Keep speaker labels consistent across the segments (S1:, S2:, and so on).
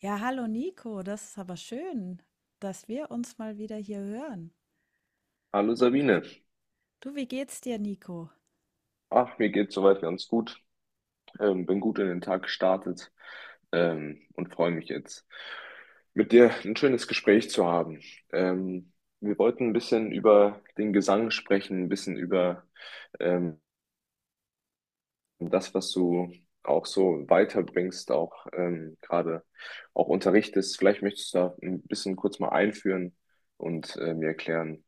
S1: Ja, hallo Nico, das ist aber schön, dass wir uns mal wieder hier hören.
S2: Hallo Sabine.
S1: Du, wie geht's dir, Nico?
S2: Ach, mir geht's soweit ganz gut. Bin gut in den Tag gestartet und freue mich jetzt, mit dir ein schönes Gespräch zu haben. Ähm, Wir wollten ein bisschen über den Gesang sprechen, ein bisschen über ähm, das, was du auch so weiterbringst, auch gerade auch unterrichtest. Vielleicht möchtest du da ein bisschen kurz mal einführen und mir erklären,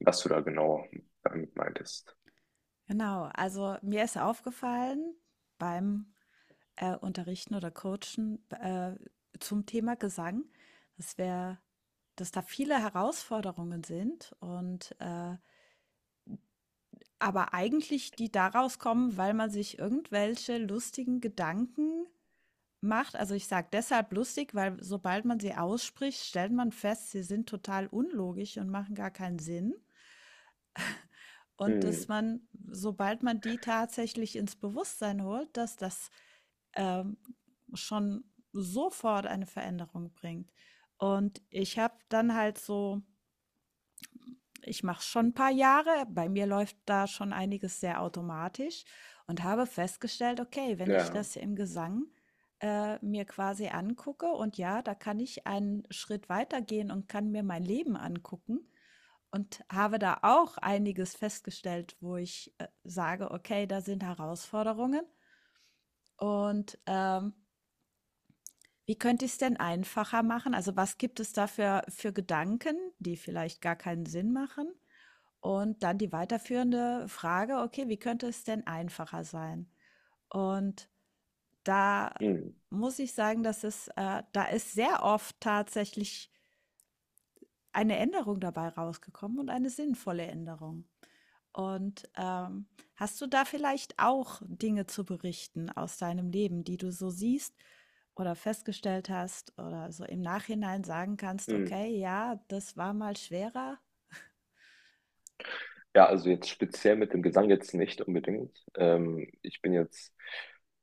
S2: was du da genau damit meintest.
S1: Genau, also mir ist aufgefallen beim Unterrichten oder Coachen zum Thema Gesang, dass wir, dass da viele Herausforderungen sind aber eigentlich die daraus kommen, weil man sich irgendwelche lustigen Gedanken macht. Also, ich sage deshalb lustig, weil sobald man sie ausspricht, stellt man fest, sie sind total unlogisch und machen gar keinen Sinn. Und
S2: Hm,
S1: dass man, sobald man die tatsächlich ins Bewusstsein holt, dass das ähm, schon sofort eine Veränderung bringt. Und ich habe dann halt so ich mache es schon ein paar Jahre. Bei mir läuft da schon einiges sehr automatisch und habe festgestellt: „Okay, wenn ich
S2: ja.
S1: das im Gesang, mir quasi angucke und ja, da kann ich einen Schritt weitergehen und kann mir mein Leben angucken“ und habe da auch einiges festgestellt, wo ich sage: „Okay, da sind Herausforderungen und wie könnte ich es denn einfacher machen?“ Also, was gibt es da für Gedanken, die vielleicht gar keinen Sinn machen? Und dann die weiterführende Frage: „Okay, wie könnte es denn einfacher sein?“ Und da
S2: Hm,
S1: muss ich sagen, dass es da ist sehr oft tatsächlich eine Änderung dabei rausgekommen und eine sinnvolle Änderung. Und hast du da vielleicht auch Dinge zu berichten aus deinem Leben, die du so siehst oder festgestellt hast oder so im Nachhinein sagen kannst:
S2: hm.
S1: „Okay, ja, das war mal schwerer?“
S2: Ja, also jetzt speziell mit dem Gesang jetzt nicht unbedingt. Ich bin jetzt,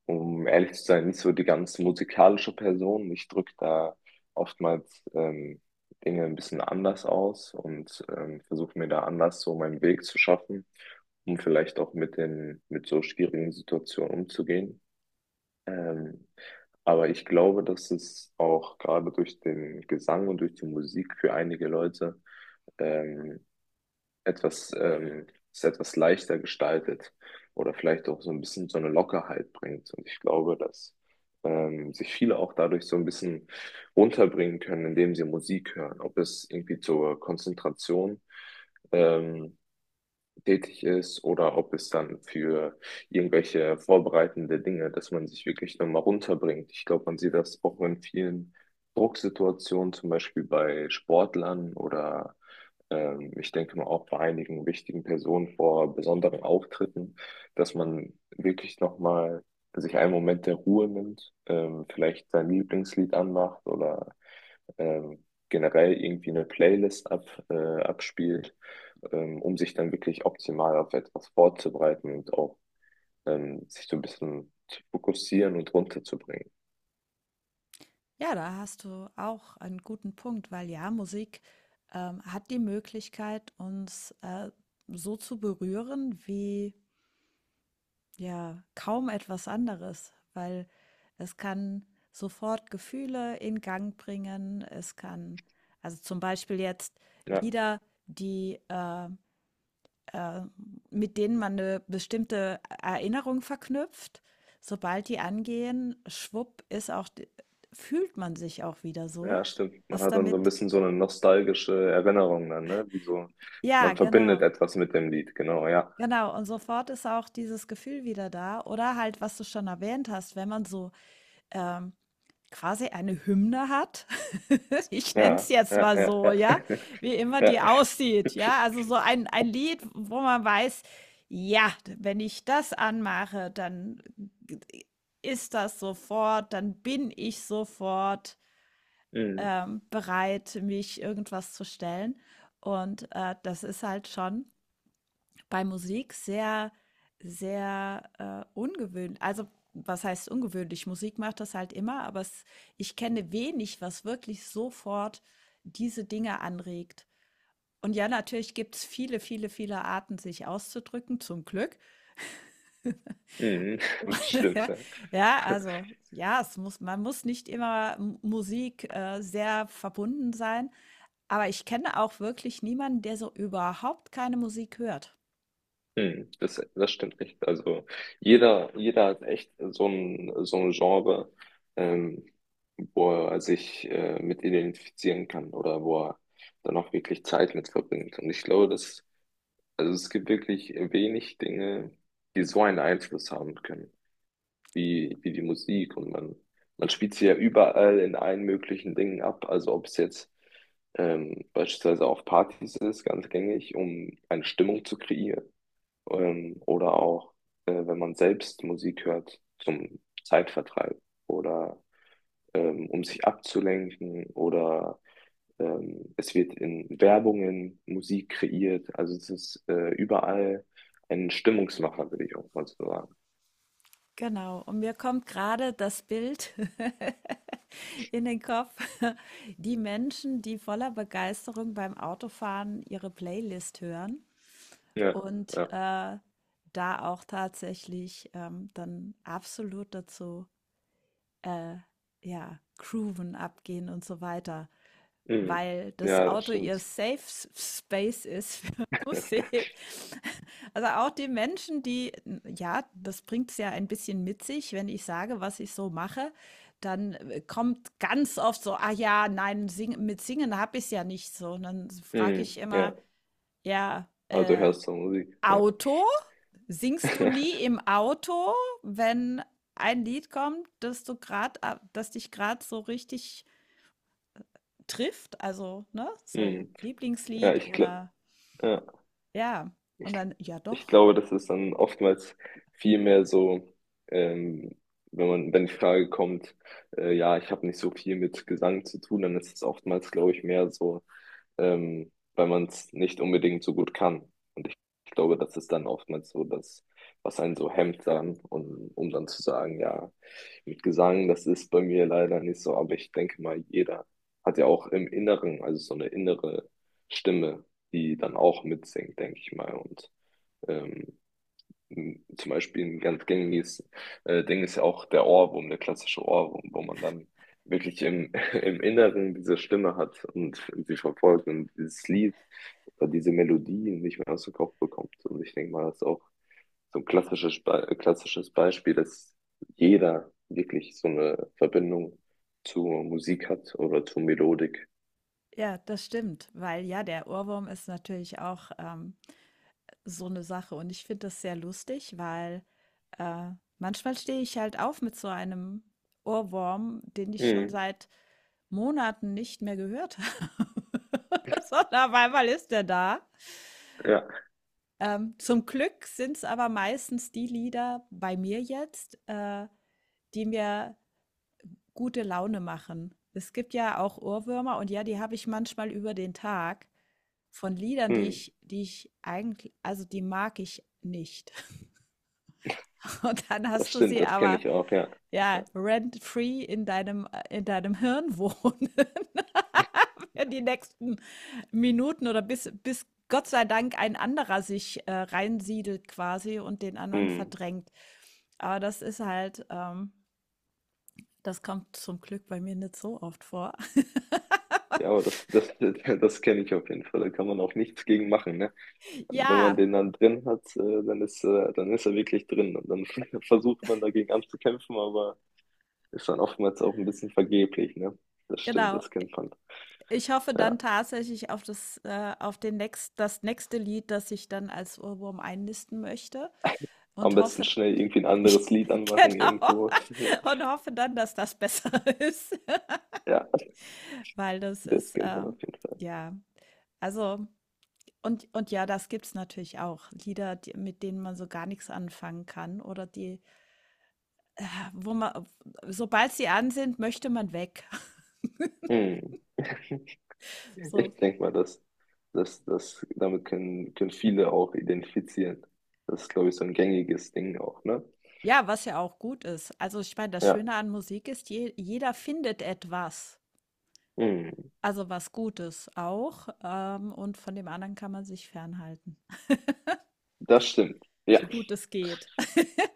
S2: um ehrlich zu sein, nicht so die ganz musikalische Person. Ich drücke da oftmals Dinge ein bisschen anders aus und versuche mir da anders so meinen Weg zu schaffen, um vielleicht auch mit mit so schwierigen Situationen umzugehen. Ähm, aber ich glaube, dass es auch gerade durch den Gesang und durch die Musik für einige Leute ähm, etwas, es etwas leichter gestaltet oder vielleicht auch so ein bisschen so eine Lockerheit bringt. Und ich glaube, dass sich viele auch dadurch so ein bisschen runterbringen können, indem sie Musik hören, ob es irgendwie zur Konzentration ähm, tätig ist oder ob es dann für irgendwelche vorbereitende Dinge, dass man sich wirklich nochmal runterbringt. Ich glaube, man sieht das auch in vielen Drucksituationen, zum Beispiel bei Sportlern oder ich denke mal auch bei einigen wichtigen Personen vor besonderen Auftritten, dass man wirklich nochmal sich einen Moment der Ruhe nimmt, vielleicht sein Lieblingslied anmacht oder ähm, generell irgendwie eine Playlist abspielt, um sich dann wirklich optimal auf etwas vorzubereiten und auch sich so ein bisschen zu fokussieren und runterzubringen.
S1: Ja, da hast du auch einen guten Punkt, weil ja, Musik hat die Möglichkeit, uns so zu berühren wie, ja, kaum etwas anderes, weil es kann sofort Gefühle in Gang bringen. Es kann also, zum Beispiel jetzt
S2: Ja,
S1: Lieder, die, äh, mit denen man eine bestimmte Erinnerung verknüpft. Sobald die angehen, schwupp, fühlt man sich auch wieder so.
S2: ja, stimmt. Man
S1: Was
S2: hat dann so ein
S1: damit?
S2: bisschen so eine nostalgische Erinnerung dann, ne? Wie so,
S1: Ja,
S2: man verbindet
S1: genau.
S2: etwas mit dem Lied, genau, ja.
S1: Genau. Und sofort ist auch dieses Gefühl wieder da. Oder halt, was du schon erwähnt hast, wenn man so ähm, quasi eine Hymne hat. Ich nenne
S2: Ja,
S1: es jetzt
S2: ja,
S1: mal
S2: ja,
S1: so,
S2: ja.
S1: ja, wie immer
S2: Ja.
S1: die aussieht, ja. Also ein Lied, wo man weiß, ja, wenn ich das anmache, dann ist das sofort, dann bin ich sofort
S2: Mhm.
S1: bereit, mich irgendwas zu stellen. Und das ist halt schon bei Musik sehr, sehr ungewöhnlich. Also, was heißt ungewöhnlich? Musik macht das halt immer, aber es, ich kenne wenig, was wirklich sofort diese Dinge anregt. Und ja, natürlich gibt es viele, viele, viele Arten, sich auszudrücken, zum Glück.
S2: Mhm. Stimmt,
S1: Ja,
S2: ja.
S1: ja, also ja, man muss nicht immer Musik sehr verbunden sein. Aber ich kenne auch wirklich niemanden, der so überhaupt keine Musik hört.
S2: Hm, das stimmt nicht. Also jeder, jeder hat echt so so ein Genre, ähm, wo er sich mit identifizieren kann oder wo er dann auch wirklich Zeit mit verbringt. Und ich glaube, also es gibt wirklich wenig Dinge, die so einen Einfluss haben können, wie die Musik. Und man spielt sie ja überall in allen möglichen Dingen ab. Also ob es jetzt beispielsweise auf Partys ist, ganz gängig, um eine Stimmung zu kreieren, oder auch, wenn man selbst Musik hört zum Zeitvertreib oder um sich abzulenken oder es wird in Werbungen Musik kreiert. Also es ist überall ein Stimmungsmacher, würde ich auch mal so sagen.
S1: Genau. Und mir kommt gerade das Bild in den Kopf. Die Menschen, die voller Begeisterung beim Autofahren ihre Playlist hören
S2: Ja,
S1: und
S2: ja.
S1: äh, da auch tatsächlich dann absolut dazu äh, ja, grooven, abgehen und so weiter
S2: Mhm.
S1: weil das
S2: Ja, das
S1: Auto ihr
S2: stimmt.
S1: Safe Space ist für Musik. Also auch die Menschen, die, ja, das bringt es ja ein bisschen mit sich, wenn ich sage, was ich so mache, dann kommt ganz oft so, ah ja, nein, sing, mit Singen habe ich es ja nicht so. Und dann frage ich
S2: Mhm.
S1: immer,
S2: Ja.
S1: ja,
S2: Also du
S1: äh,
S2: hörst so Musik. Ja,
S1: Auto? Singst du nie im Auto, wenn ein Lied kommt, das du gerade, das dich gerade so richtig trifft, also, ne, so
S2: mhm. Ja,
S1: Lieblingslied
S2: ich glaube,
S1: oder
S2: ja.
S1: ja,
S2: Ich
S1: und dann, ja
S2: Ich
S1: doch,
S2: glaube, das ist dann oftmals viel mehr so, ähm, wenn man, wenn die Frage kommt, ja, ich habe nicht so viel mit Gesang zu tun, dann ist es oftmals, glaube ich, mehr so, weil man es nicht unbedingt so gut kann. Und ich glaube, das ist dann oftmals so das, was einen so hemmt dann, und um dann zu sagen, ja, mit Gesang, das ist bei mir leider nicht so, aber ich denke mal, jeder hat ja auch im Inneren, also so eine innere Stimme, die dann auch mitsingt, denke ich mal. Und ähm, zum Beispiel ein ganz gängiges Ding ist ja auch der Ohrwurm, der klassische Ohrwurm, wo man dann wirklich im Inneren diese Stimme hat und sie verfolgt und dieses Lied oder diese Melodie nicht mehr aus dem Kopf bekommt. Und ich denke mal, das ist auch so ein klassisches, klassisches Beispiel, dass jeder wirklich so eine Verbindung zur Musik hat oder zur Melodik.
S1: ja, das stimmt, weil ja, der Ohrwurm ist natürlich auch so eine Sache und ich finde das sehr lustig, weil äh, manchmal stehe ich halt auf mit so einem Ohrwurm, den ich schon
S2: Hm,
S1: seit Monaten nicht mehr gehört habe, sondern auf einmal ist der da.
S2: ja,
S1: Zum Glück sind es aber meistens die Lieder bei mir jetzt, die mir gute Laune machen. Es gibt ja auch Ohrwürmer und ja, die habe ich manchmal über den Tag von Liedern,
S2: hm,
S1: die ich eigentlich, also die mag ich nicht. Und dann
S2: das
S1: hast du
S2: stimmt,
S1: sie
S2: das kenne
S1: aber
S2: ich auch, ja.
S1: ja rent-free in deinem Hirn wohnen für die nächsten Minuten oder bis Gott sei Dank ein anderer sich reinsiedelt quasi und den anderen
S2: Hm.
S1: verdrängt. Aber das ist halt, das kommt zum Glück bei mir nicht so oft vor.
S2: Ja, aber das kenne ich auf jeden Fall. Da kann man auch nichts gegen machen, ne? Also wenn man
S1: Ja,
S2: den dann drin hat, dann ist er wirklich drin. Und dann versucht man dagegen anzukämpfen, aber ist dann oftmals auch ein bisschen vergeblich, ne? Das stimmt,
S1: genau.
S2: das kennt man.
S1: Ich hoffe dann
S2: Ja.
S1: tatsächlich auf auf den nächst, das nächste Lied, das ich dann als Ohrwurm einnisten möchte
S2: Am
S1: und
S2: besten
S1: hoffe,
S2: schnell irgendwie ein
S1: ich,
S2: anderes Lied anmachen
S1: genau,
S2: irgendwo.
S1: und hoffe dann, dass das besser ist,
S2: Ja,
S1: weil das
S2: das
S1: ist,
S2: kennt
S1: äh,
S2: man auf jeden Fall.
S1: ja, also, und ja, das gibt's natürlich auch. Lieder, die, mit denen man so gar nichts anfangen kann oder die, wo man, sobald sie an sind, möchte man weg.
S2: Hm.
S1: So,
S2: Ich denke mal, dass damit können viele auch identifizieren. Das ist, glaube ich, so ein gängiges Ding auch, ne?
S1: ja, was ja auch gut ist. Also ich meine, das
S2: Ja.
S1: Schöne an Musik ist, je, jeder findet etwas,
S2: Hm.
S1: also was Gutes auch. Und von dem anderen kann man sich fernhalten,
S2: Das stimmt. Ja,
S1: so gut es geht.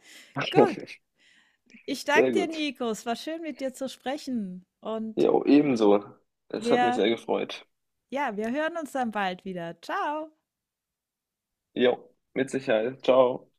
S1: Gut, ich danke
S2: sehr
S1: dir,
S2: gut.
S1: Nico. Es war schön, mit dir zu sprechen. Und
S2: Jo, ebenso. Es hat mich
S1: wir,
S2: sehr gefreut.
S1: ja, wir hören uns dann bald wieder. Ciao.
S2: Jo, mit Sicherheit. Ciao.